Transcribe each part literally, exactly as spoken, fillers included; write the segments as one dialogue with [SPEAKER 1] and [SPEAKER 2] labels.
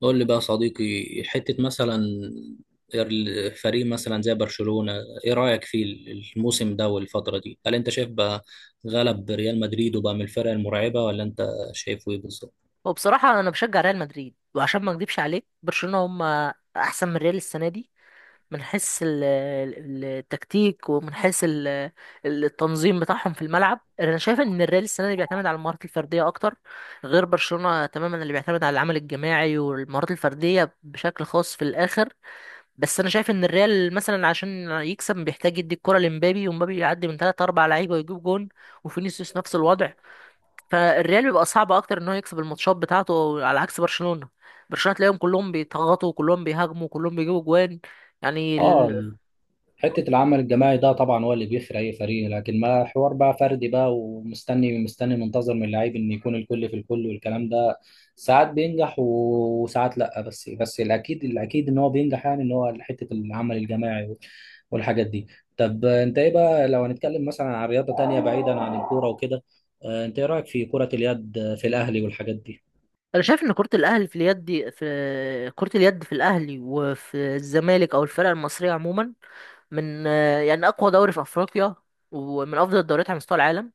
[SPEAKER 1] قول لي بقى يا صديقي، حتة مثلا الفريق مثلا زي برشلونة، ايه رأيك في الموسم ده والفترة دي؟ هل انت شايف بقى غلب ريال مدريد وبقى من الفرق المرعبة، ولا انت شايفه ايه بالظبط؟
[SPEAKER 2] وبصراحة أنا بشجع ريال مدريد وعشان ما أكدبش عليك برشلونة هم أحسن من ريال السنة دي، من حيث ال- ال- التكتيك ومن حيث ال- ال- التنظيم بتاعهم في الملعب. أنا شايف إن الريال السنة دي بيعتمد على المهارات الفردية أكتر، غير برشلونة تماما، اللي بيعتمد على العمل الجماعي والمهارات الفردية بشكل خاص في الآخر. بس أنا شايف إن الريال مثلا عشان يكسب بيحتاج يدي الكرة لمبابي، ومبابي يعدي من تلات أربع لعيبة ويجيب جون، وفينيسيوس نفس الوضع. فالريال بيبقى صعب اكتر ان هو يكسب الماتشات بتاعته على عكس برشلونة. برشلونة تلاقيهم كلهم بيتغطوا، كلهم بيهاجموا، كلهم بيجيبوا جوان. يعني
[SPEAKER 1] اه.
[SPEAKER 2] ال...
[SPEAKER 1] حتة العمل الجماعي ده طبعا هو اللي بيفرق أي فريق، لكن ما حوار بقى فردي بقى، ومستني مستني منتظر من اللعيب إن يكون الكل في الكل والكلام ده. ساعات بينجح و- وساعات لأ، بس بس الأكيد الأكيد إن هو بينجح، يعني إن هو حتة العمل الجماعي وال- والحاجات دي. طب أنت إيه بقى لو هنتكلم مثلا عن رياضة تانية بعيدا عن الكورة وكده، آه، أنت إيه رأيك في كرة اليد في الأهلي والحاجات دي؟
[SPEAKER 2] انا شايف ان كرة الاهلي في اليد دي، في كرة اليد في الاهلي وفي الزمالك او الفرق المصرية عموما، من يعني اقوى دوري في افريقيا، ومن افضل الدوريات على مستوى العالم،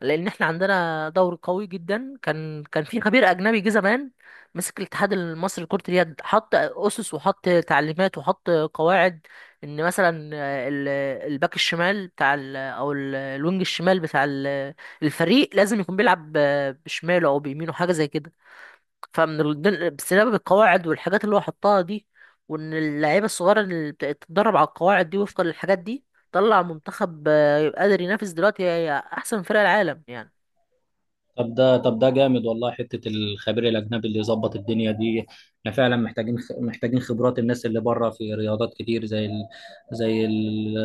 [SPEAKER 2] لان احنا عندنا دوري قوي جدا. كان كان في خبير اجنبي جه زمان، مسك الاتحاد المصري لكرة اليد، حط اسس وحط تعليمات وحط قواعد. ان مثلا آه، ال- الباك الشمال بتاع ال او ال- الوينج الشمال بتاع ال- الفريق لازم يكون بيلعب ب- بشماله او بيمينه، حاجه زي كده. فمن ال- دل- بسبب القواعد والحاجات اللي هو حطها دي، وان اللعيبه الصغيره اللي بت- بتتدرب على القواعد دي وفقا للحاجات دي، طلع منتخب آه، قادر ينافس دلوقتي احسن فرق العالم يعني.
[SPEAKER 1] طب ده طب ده جامد والله، حتة الخبير الأجنبي اللي يظبط الدنيا دي. احنا فعلا محتاجين خ- محتاجين خبرات الناس اللي بره في رياضات كتير، زي ال... زي ال-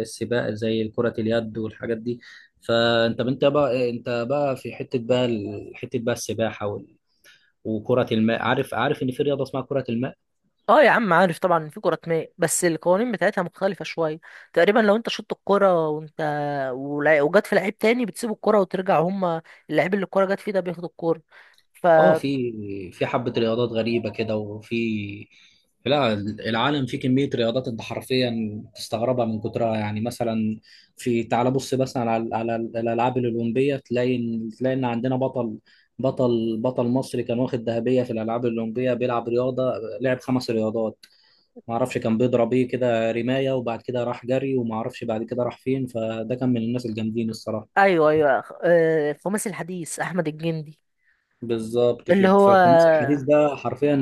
[SPEAKER 1] السباق، زي كرة اليد والحاجات دي. فأنت أنت بقى أنت بقى في حتة بقى ال- حتة بقى السباحة وال- وكرة الماء. عارف عارف إن في رياضة اسمها كرة الماء.
[SPEAKER 2] اه يا عم، عارف طبعا ان في كرة ماء بس القوانين بتاعتها مختلفة شوية. تقريبا لو انت شطت الكرة وانت ولا- وجت في لعيب تاني، بتسيب الكرة وترجع، هما اللعيب اللي الكرة جت فيه ده بياخد الكرة. ف
[SPEAKER 1] اه، في في حبة رياضات غريبة كده. وفي لا، العالم فيه كمية رياضات انت حرفيا تستغربها من كترها. يعني مثلا في، تعال بص مثلا على على الألعاب الأولمبية، تلاقي إن- تلاقي إن عندنا بطل، بطل بطل مصري كان واخد ذهبية في الألعاب الأولمبية، بيلعب رياضة، لعب خمس رياضات. معرفش كان بيضرب ايه كده، رماية، وبعد كده راح جري، ومعرفش بعد كده راح فين، فده كان من الناس الجامدين الصراحة.
[SPEAKER 2] ايوه، ايوه، آه، الخماسي الحديث احمد الجندي.
[SPEAKER 1] بالظبط
[SPEAKER 2] اللي
[SPEAKER 1] كده،
[SPEAKER 2] هو
[SPEAKER 1] فالخماس الحديث ده حرفيا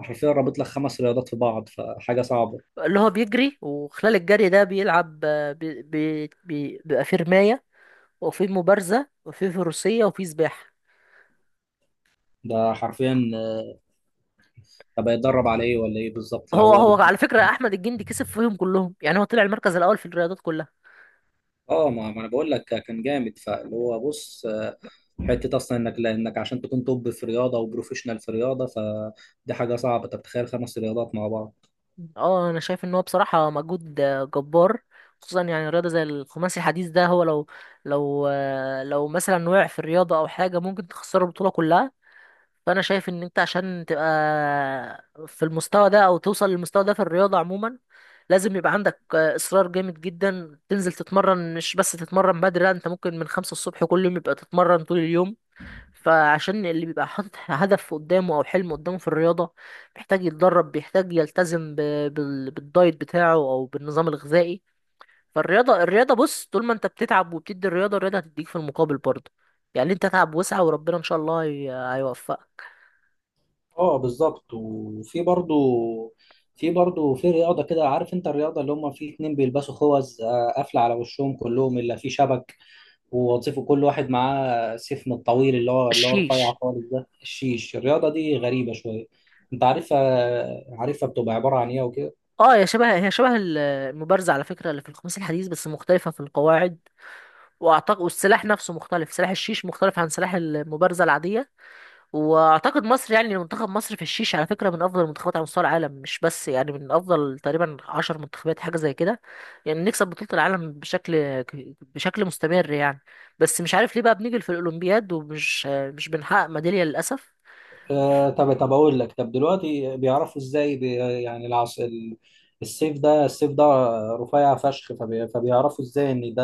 [SPEAKER 1] حرفيا رابط لك خمس رياضات في بعض، فحاجه صعبه.
[SPEAKER 2] اللي هو بيجري، وخلال الجري ده بيلعب، آه، بي... بي... بي... بيبقى في رماية وفي مبارزة وفي فروسية وفي سباحة.
[SPEAKER 1] ده حرفيا. طب هيتدرب على ايه ولا ايه بالظبط لو
[SPEAKER 2] هو
[SPEAKER 1] هو
[SPEAKER 2] هو
[SPEAKER 1] بد...
[SPEAKER 2] على فكرة احمد الجندي كسب فيهم كلهم، يعني هو طلع المركز الاول في الرياضات كلها.
[SPEAKER 1] اه، ما ما انا بقول لك كان جامد، فاللي هو بص، آه، حته اصلا انك لانك عشان تكون توب في رياضه وبروفيشنال في رياضه، فدي حاجه صعبه. طب تخيل خمس رياضات مع بعض.
[SPEAKER 2] اه، انا شايف ان هو بصراحه مجهود آه، جبار. خصوصا يعني رياضه زي الخماسي الحديث ده، هو لو لو آه، لو مثلا وقع في الرياضه او حاجه ممكن تخسر البطوله كلها. فانا شايف ان انت عشان تبقى في المستوى ده او توصل للمستوى ده في الرياضه عموما، لازم يبقى عندك آه، اصرار جامد جدا، تنزل تتمرن. مش بس تتمرن بدري، لا، انت ممكن من خمسة الصبح كل يوم يبقى تتمرن طول اليوم. فعشان اللي بيبقى حاطط هدف قدامه او حلم قدامه في الرياضه، بيحتاج يتدرب، بيحتاج يلتزم ب... بال... بالدايت بتاعه او بالنظام الغذائي. فالرياضه الرياضه بص، طول ما انت بتتعب وبتدي الرياضه، الرياضه هتديك في المقابل برضه. يعني انت تعب وسعى، وربنا ان شاء الله هي... هيوفقك.
[SPEAKER 1] اه بالظبط. وفي برضو، في برضو في رياضة كده، عارف؟ انت الرياضة اللي هم في اتنين بيلبسوا خوذ آه، قافلة على وشهم كلهم، الا في شبك، ووظيفه كل واحد معاه سفن الطويل اللي هو اللي هو رفيع
[SPEAKER 2] الشيش.
[SPEAKER 1] خالص، ده الشيش، الرياضة دي غريبة شوية. انت عارفها عارفها بتبقى عبارة عن ايه وكده؟
[SPEAKER 2] اه، يا شبه هي شبه ال- المبارزه على فكره، اللي في الخميس الحديث، بس مختلفه في القواعد. واعتقد والسلاح نفسه مختلف، سلاح الشيش مختلف عن سلاح المبارزه العاديه. واعتقد مصر، يعني منتخب مصر في الشيش على فكره من افضل المنتخبات على مستوى العالم، مش بس يعني من افضل تقريبا عشر منتخبات حاجه زي كده. يعني نكسب بطوله العالم بشكل بشكل مستمر يعني. بس مش عارف ليه بقى بنيجي في الاولمبياد ومش مش بنحقق ميداليه للاسف.
[SPEAKER 1] آه، طب طب اقول لك، طب دلوقتي بيعرفوا ازاي، بي يعني العص ال- السيف ده السيف ده رفيع فشخ، فبي فبيعرفوا ازاي ان ده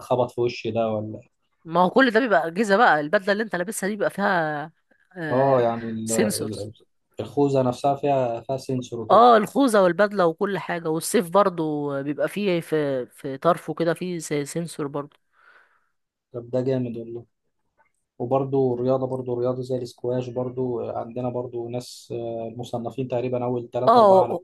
[SPEAKER 1] خبط في وشي ده ولا؟
[SPEAKER 2] ما هو كل ده بيبقى اجهزه بقى، البدله اللي انت لابسها دي بيبقى فيها
[SPEAKER 1] اه،
[SPEAKER 2] آه
[SPEAKER 1] يعني ال-
[SPEAKER 2] سنسورز.
[SPEAKER 1] ال- الخوذة نفسها فيها فيها سنسور وكده.
[SPEAKER 2] اه، الخوذه والبدله وكل حاجه، والسيف برضو بيبقى فيه في في طرفه كده فيه سنسور برضو.
[SPEAKER 1] طب ده جامد والله. وبرضو الرياضة برضو رياضة زي الاسكواش برضو، آه، عندنا برضو ناس آه، مصنفين تقريبا أول تلاتة أربعة على.
[SPEAKER 2] اه،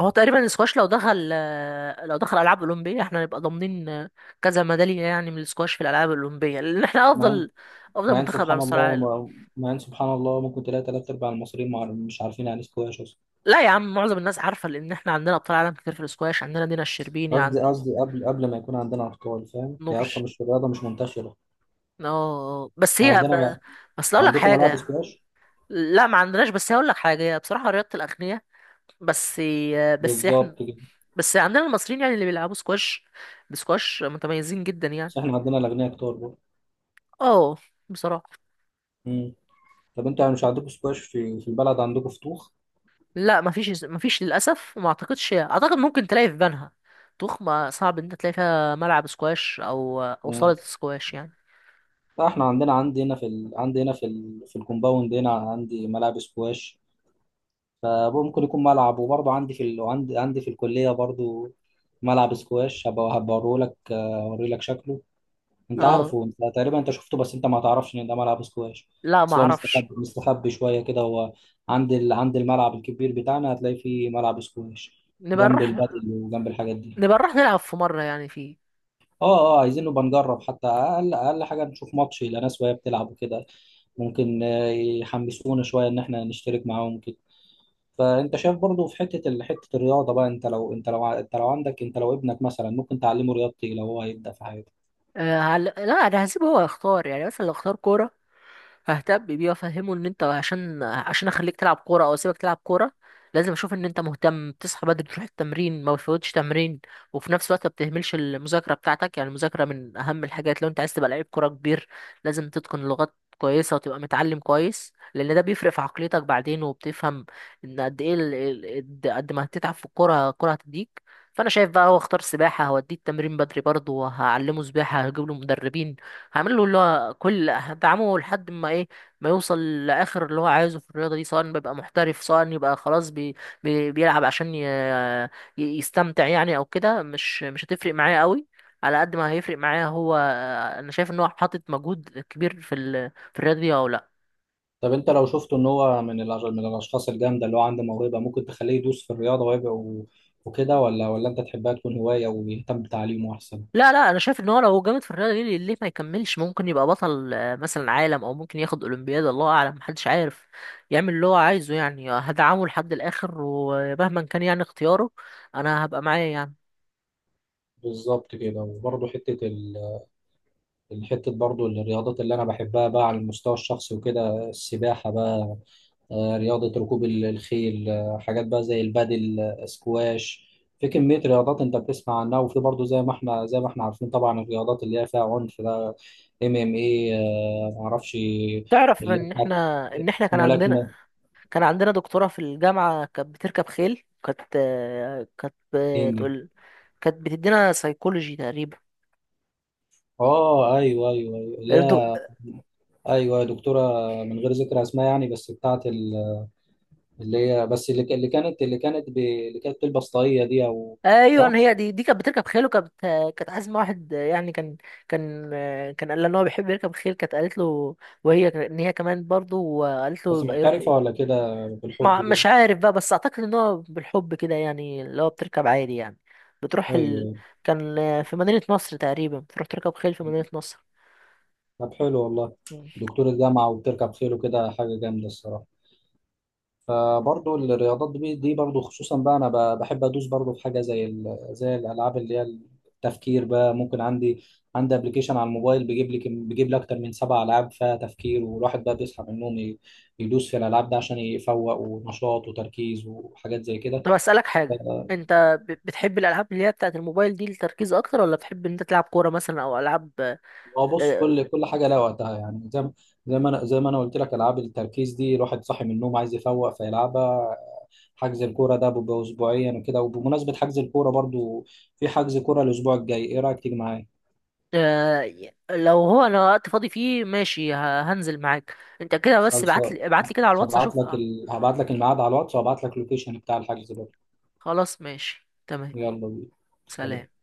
[SPEAKER 2] هو تقريبا السكواش لو دخل آه، لو دخل العاب اولمبيه احنا هنبقى ضامنين آه، كذا ميداليه يعني من السكواش في الالعاب الاولمبيه، لان احنا
[SPEAKER 1] مع إن
[SPEAKER 2] افضل افضل
[SPEAKER 1] مع إن
[SPEAKER 2] منتخب على
[SPEAKER 1] سبحان
[SPEAKER 2] مستوى
[SPEAKER 1] الله
[SPEAKER 2] العالم.
[SPEAKER 1] مع مع إن سبحان الله ممكن تلاقي تلات أرباع المصريين مع- مش عارفين يعني اسكواش أصلا.
[SPEAKER 2] لا يا عم، معظم الناس عارفه لان احنا عندنا ابطال عالم كتير في السكواش. عندنا دينا الشربيني،
[SPEAKER 1] قصدي
[SPEAKER 2] عند
[SPEAKER 1] قصدي قبل قبل ما يكون عندنا أطفال، فاهم؟ هي أصلا
[SPEAKER 2] نورش.
[SPEAKER 1] مش رياضة، مش منتشرة
[SPEAKER 2] اه، بس هي
[SPEAKER 1] عندنا.
[SPEAKER 2] ب...
[SPEAKER 1] لا،
[SPEAKER 2] بس اقول لك
[SPEAKER 1] عندكم ملاعب
[SPEAKER 2] حاجه.
[SPEAKER 1] سكواش؟
[SPEAKER 2] لا، ما عندناش، بس هقول لك حاجه، هي بصراحه رياضه الاغنياء. بس آه، بس احنا
[SPEAKER 1] بالظبط كده.
[SPEAKER 2] بس عندنا المصريين يعني اللي بيلعبوا سكواش، بسكواش متميزين جدا يعني.
[SPEAKER 1] بس إحنا عندنا الأغنياء كتار برضو.
[SPEAKER 2] اه، بصراحه.
[SPEAKER 1] مم. طب أنت مش عندكم سكواش في في البلد؟ عندكم فتوخ؟
[SPEAKER 2] لا، مفيش مفيش للاسف. وما اعتقدش، اعتقد ممكن تلاقي في بنها. طوخ ما، صعب ان انت تلاقي فيها ملعب سكواش او او صالة سكواش يعني.
[SPEAKER 1] لا، احنا عندنا عندي هنا في ال... عندي هنا في ال... في الكومباوند هنا عندي ملاعب سكواش. فممكن يكون ملعب. وبرضه عندي في ال... عندي عندي في الكلية برضه ملعب سكواش. هبقى هبقى لك، اوري لك شكله. انت
[SPEAKER 2] اه،
[SPEAKER 1] عارفه، انت تقريبا انت شفته، بس انت ما تعرفش ان ده ملعب سكواش.
[SPEAKER 2] لا ما
[SPEAKER 1] بس هو مستخبي
[SPEAKER 2] اعرفش.
[SPEAKER 1] مستخبي شوية كده هو، عند ال... عند الملعب الكبير بتاعنا هتلاقي فيه ملعب سكواش،
[SPEAKER 2] نبقى
[SPEAKER 1] جنب
[SPEAKER 2] نروح
[SPEAKER 1] البادل وجنب الحاجات دي.
[SPEAKER 2] نبقى نروح نلعب في مرة يعني، فيه.
[SPEAKER 1] اه، اه، عايزين نبقى نجرب، حتى اقل اقل حاجه نشوف ماتش لناس وهي بتلعب وكده. ممكن آه، يحمسونا شويه ان احنا نشترك معاهم كده. فانت شايف برضو في حته ال- حته الرياضه بقى، انت لو انت لو ع- انت لو عندك انت لو ابنك مثلا ممكن تعلمه رياضتي لو هو هيبدا في حياته؟
[SPEAKER 2] آه هل... لا، انا هسيبه هو يختار، يعني مثلا لو اختار كورة ههتم بيه وافهمه ان انت، عشان عشان اخليك تلعب كوره او اسيبك تلعب كوره، لازم اشوف ان انت مهتم، بتصحى بدري تروح التمرين، ما بتفوتش تمرين، وفي نفس الوقت ما بتهملش المذاكره بتاعتك. يعني المذاكره من اهم الحاجات، لو انت عايز تبقى لعيب كوره كبير لازم تتقن لغات كويسه وتبقى متعلم كويس، لان ده بيفرق في عقليتك بعدين، وبتفهم ان قد ايه ال- ال- قد قد ما هتتعب في الكوره، الكوره هتديك. فانا شايف بقى، هو اختار سباحه، هوديه التمرين بدري برضه، وهعلمه سباحه، هجيب له مدربين، هعمل له اللي هو كل، هدعمه لحد ما ايه ما يوصل لاخر اللي هو عايزه في الرياضه دي، سواء بيبقى محترف، سواء يبقى خلاص بي... بي... بيلعب عشان ي... ي- يستمتع يعني، او كده مش مش هتفرق معايا قوي، على قد ما هيفرق معايا هو. انا شايف ان هو حاطط مجهود كبير في ال... في الرياضه دي او لا.
[SPEAKER 1] طب انت لو شفته ان هو من الأش- من الاشخاص الجامده، اللي هو عنده موهبه، ممكن تخليه يدوس في الرياضه ويبقى و- وكده؟ ولا ولا انت تحبها تكون هوايه ويهتم بتعليمه احسن؟
[SPEAKER 2] لا، لا، انا شايف ان هو لو جامد في الرياضه دي، ليه ليه ما يكملش، ممكن يبقى بطل آه، مثلا عالم، او ممكن ياخد اولمبياد، الله اعلم، محدش عارف. يعمل اللي هو عايزه يعني، هدعمه لحد الاخر ومهما كان يعني اختياره، انا هبقى معاه يعني.
[SPEAKER 1] بالظبط كده. وبرضه حته ال الحتة برضو، الرياضات اللي أنا بحبها بقى على المستوى الشخصي وكده، السباحة بقى، آه، رياضة ركوب ال- الخيل، آه، حاجات بقى زي البادل، آه، سكواش. في كمية رياضات أنت بتسمع عنها. وفي برضو، زي ما إحنا زي ما إحنا عارفين طبعا، الرياضات اللي هي فيها عنف ده، ام ام اي، معرفش،
[SPEAKER 2] تعرف
[SPEAKER 1] اللي هي
[SPEAKER 2] ان
[SPEAKER 1] بتاعت
[SPEAKER 2] احنا، ان احنا كان عندنا
[SPEAKER 1] ملاكمة،
[SPEAKER 2] كان عندنا دكتوره في الجامعه كانت بتركب خيل. كانت آه، كانت
[SPEAKER 1] هندي.
[SPEAKER 2] بتقول، كانت بتدينا سيكولوجي تقريبا.
[SPEAKER 1] اه، ايوه، ايوه، ايوه، لا، ايوه يا دكتورة، من غير ذكر اسماء يعني، بس بتاعت ال اللي, هي بس اللي, ك- اللي كانت اللي كانت ب... اللي كانت تلبس طاقية دي او. صح.
[SPEAKER 2] ايوه، هي دي دي كانت بتركب خيل وكانت، كانت عازمه واحد يعني، كان كان كان قال لها ان هو بيحب يركب خيل، كانت قالت له وهي ك- ان هي كمان برضه، وقالت له
[SPEAKER 1] بس
[SPEAKER 2] يبقى يروح.
[SPEAKER 1] محترفة ولا كده بالحب
[SPEAKER 2] ما مش
[SPEAKER 1] كده؟
[SPEAKER 2] عارف بقى، بس اعتقد ان هو بالحب كده يعني، اللي هو بتركب عادي يعني، بتروح ال...
[SPEAKER 1] ايوه.
[SPEAKER 2] كان في مدينه نصر تقريبا، بتروح تركب خيل في مدينه نصر.
[SPEAKER 1] طب حلو والله.
[SPEAKER 2] مم.
[SPEAKER 1] دكتور الجامعة وبتركب خيل وكده، حاجة جامدة الصراحة. فبرضه الرياضات دي دي برضه خصوصا بقى، انا ب- بحب ادوس برضه في حاجة زي ال... زي الالعاب اللي هي التفكير بقى. ممكن عندي عندي ابلكيشن على الموبايل بيجيب لك، بيجيب لي اكتر من سبع العاب فيها تفكير، والواحد بقى بيصحى من النوم، ي- يدوس في الالعاب ده عشان يفوق ونشاط وتركيز وحاجات زي كده.
[SPEAKER 2] طب اسالك حاجه، انت ب- بتحب الالعاب اللي هي بتاعت الموبايل دي للتركيز اكتر، ولا بتحب ان انت تلعب كوره مثلا او العاب؟
[SPEAKER 1] هو بص،
[SPEAKER 2] آه،
[SPEAKER 1] كل كل حاجه لها وقتها، يعني زي ما زي ما انا زي ما انا قلت لك، العاب التركيز دي الواحد صاحي من النوم عايز يفوق فيلعبها. حجز الكوره ده بيبقى اسبوعيا وكده. وبمناسبه حجز الكوره برضو، في حجز كوره الاسبوع الجاي، ايه رايك تيجي معايا؟
[SPEAKER 2] آه، لو هو، انا وقت فاضي فيه ماشي ه- هنزل معاك انت كده. بس ابعت
[SPEAKER 1] خلصان.
[SPEAKER 2] لي ابعت لي كده على الواتس
[SPEAKER 1] هبعت
[SPEAKER 2] اشوف.
[SPEAKER 1] لك
[SPEAKER 2] آه،
[SPEAKER 1] ال... هبعت لك الميعاد على الواتس، وهبعت لك اللوكيشن بتاع الحجز برضو.
[SPEAKER 2] خلاص، ماشي، تمام.
[SPEAKER 1] يلا بينا. سلام.
[SPEAKER 2] سلام.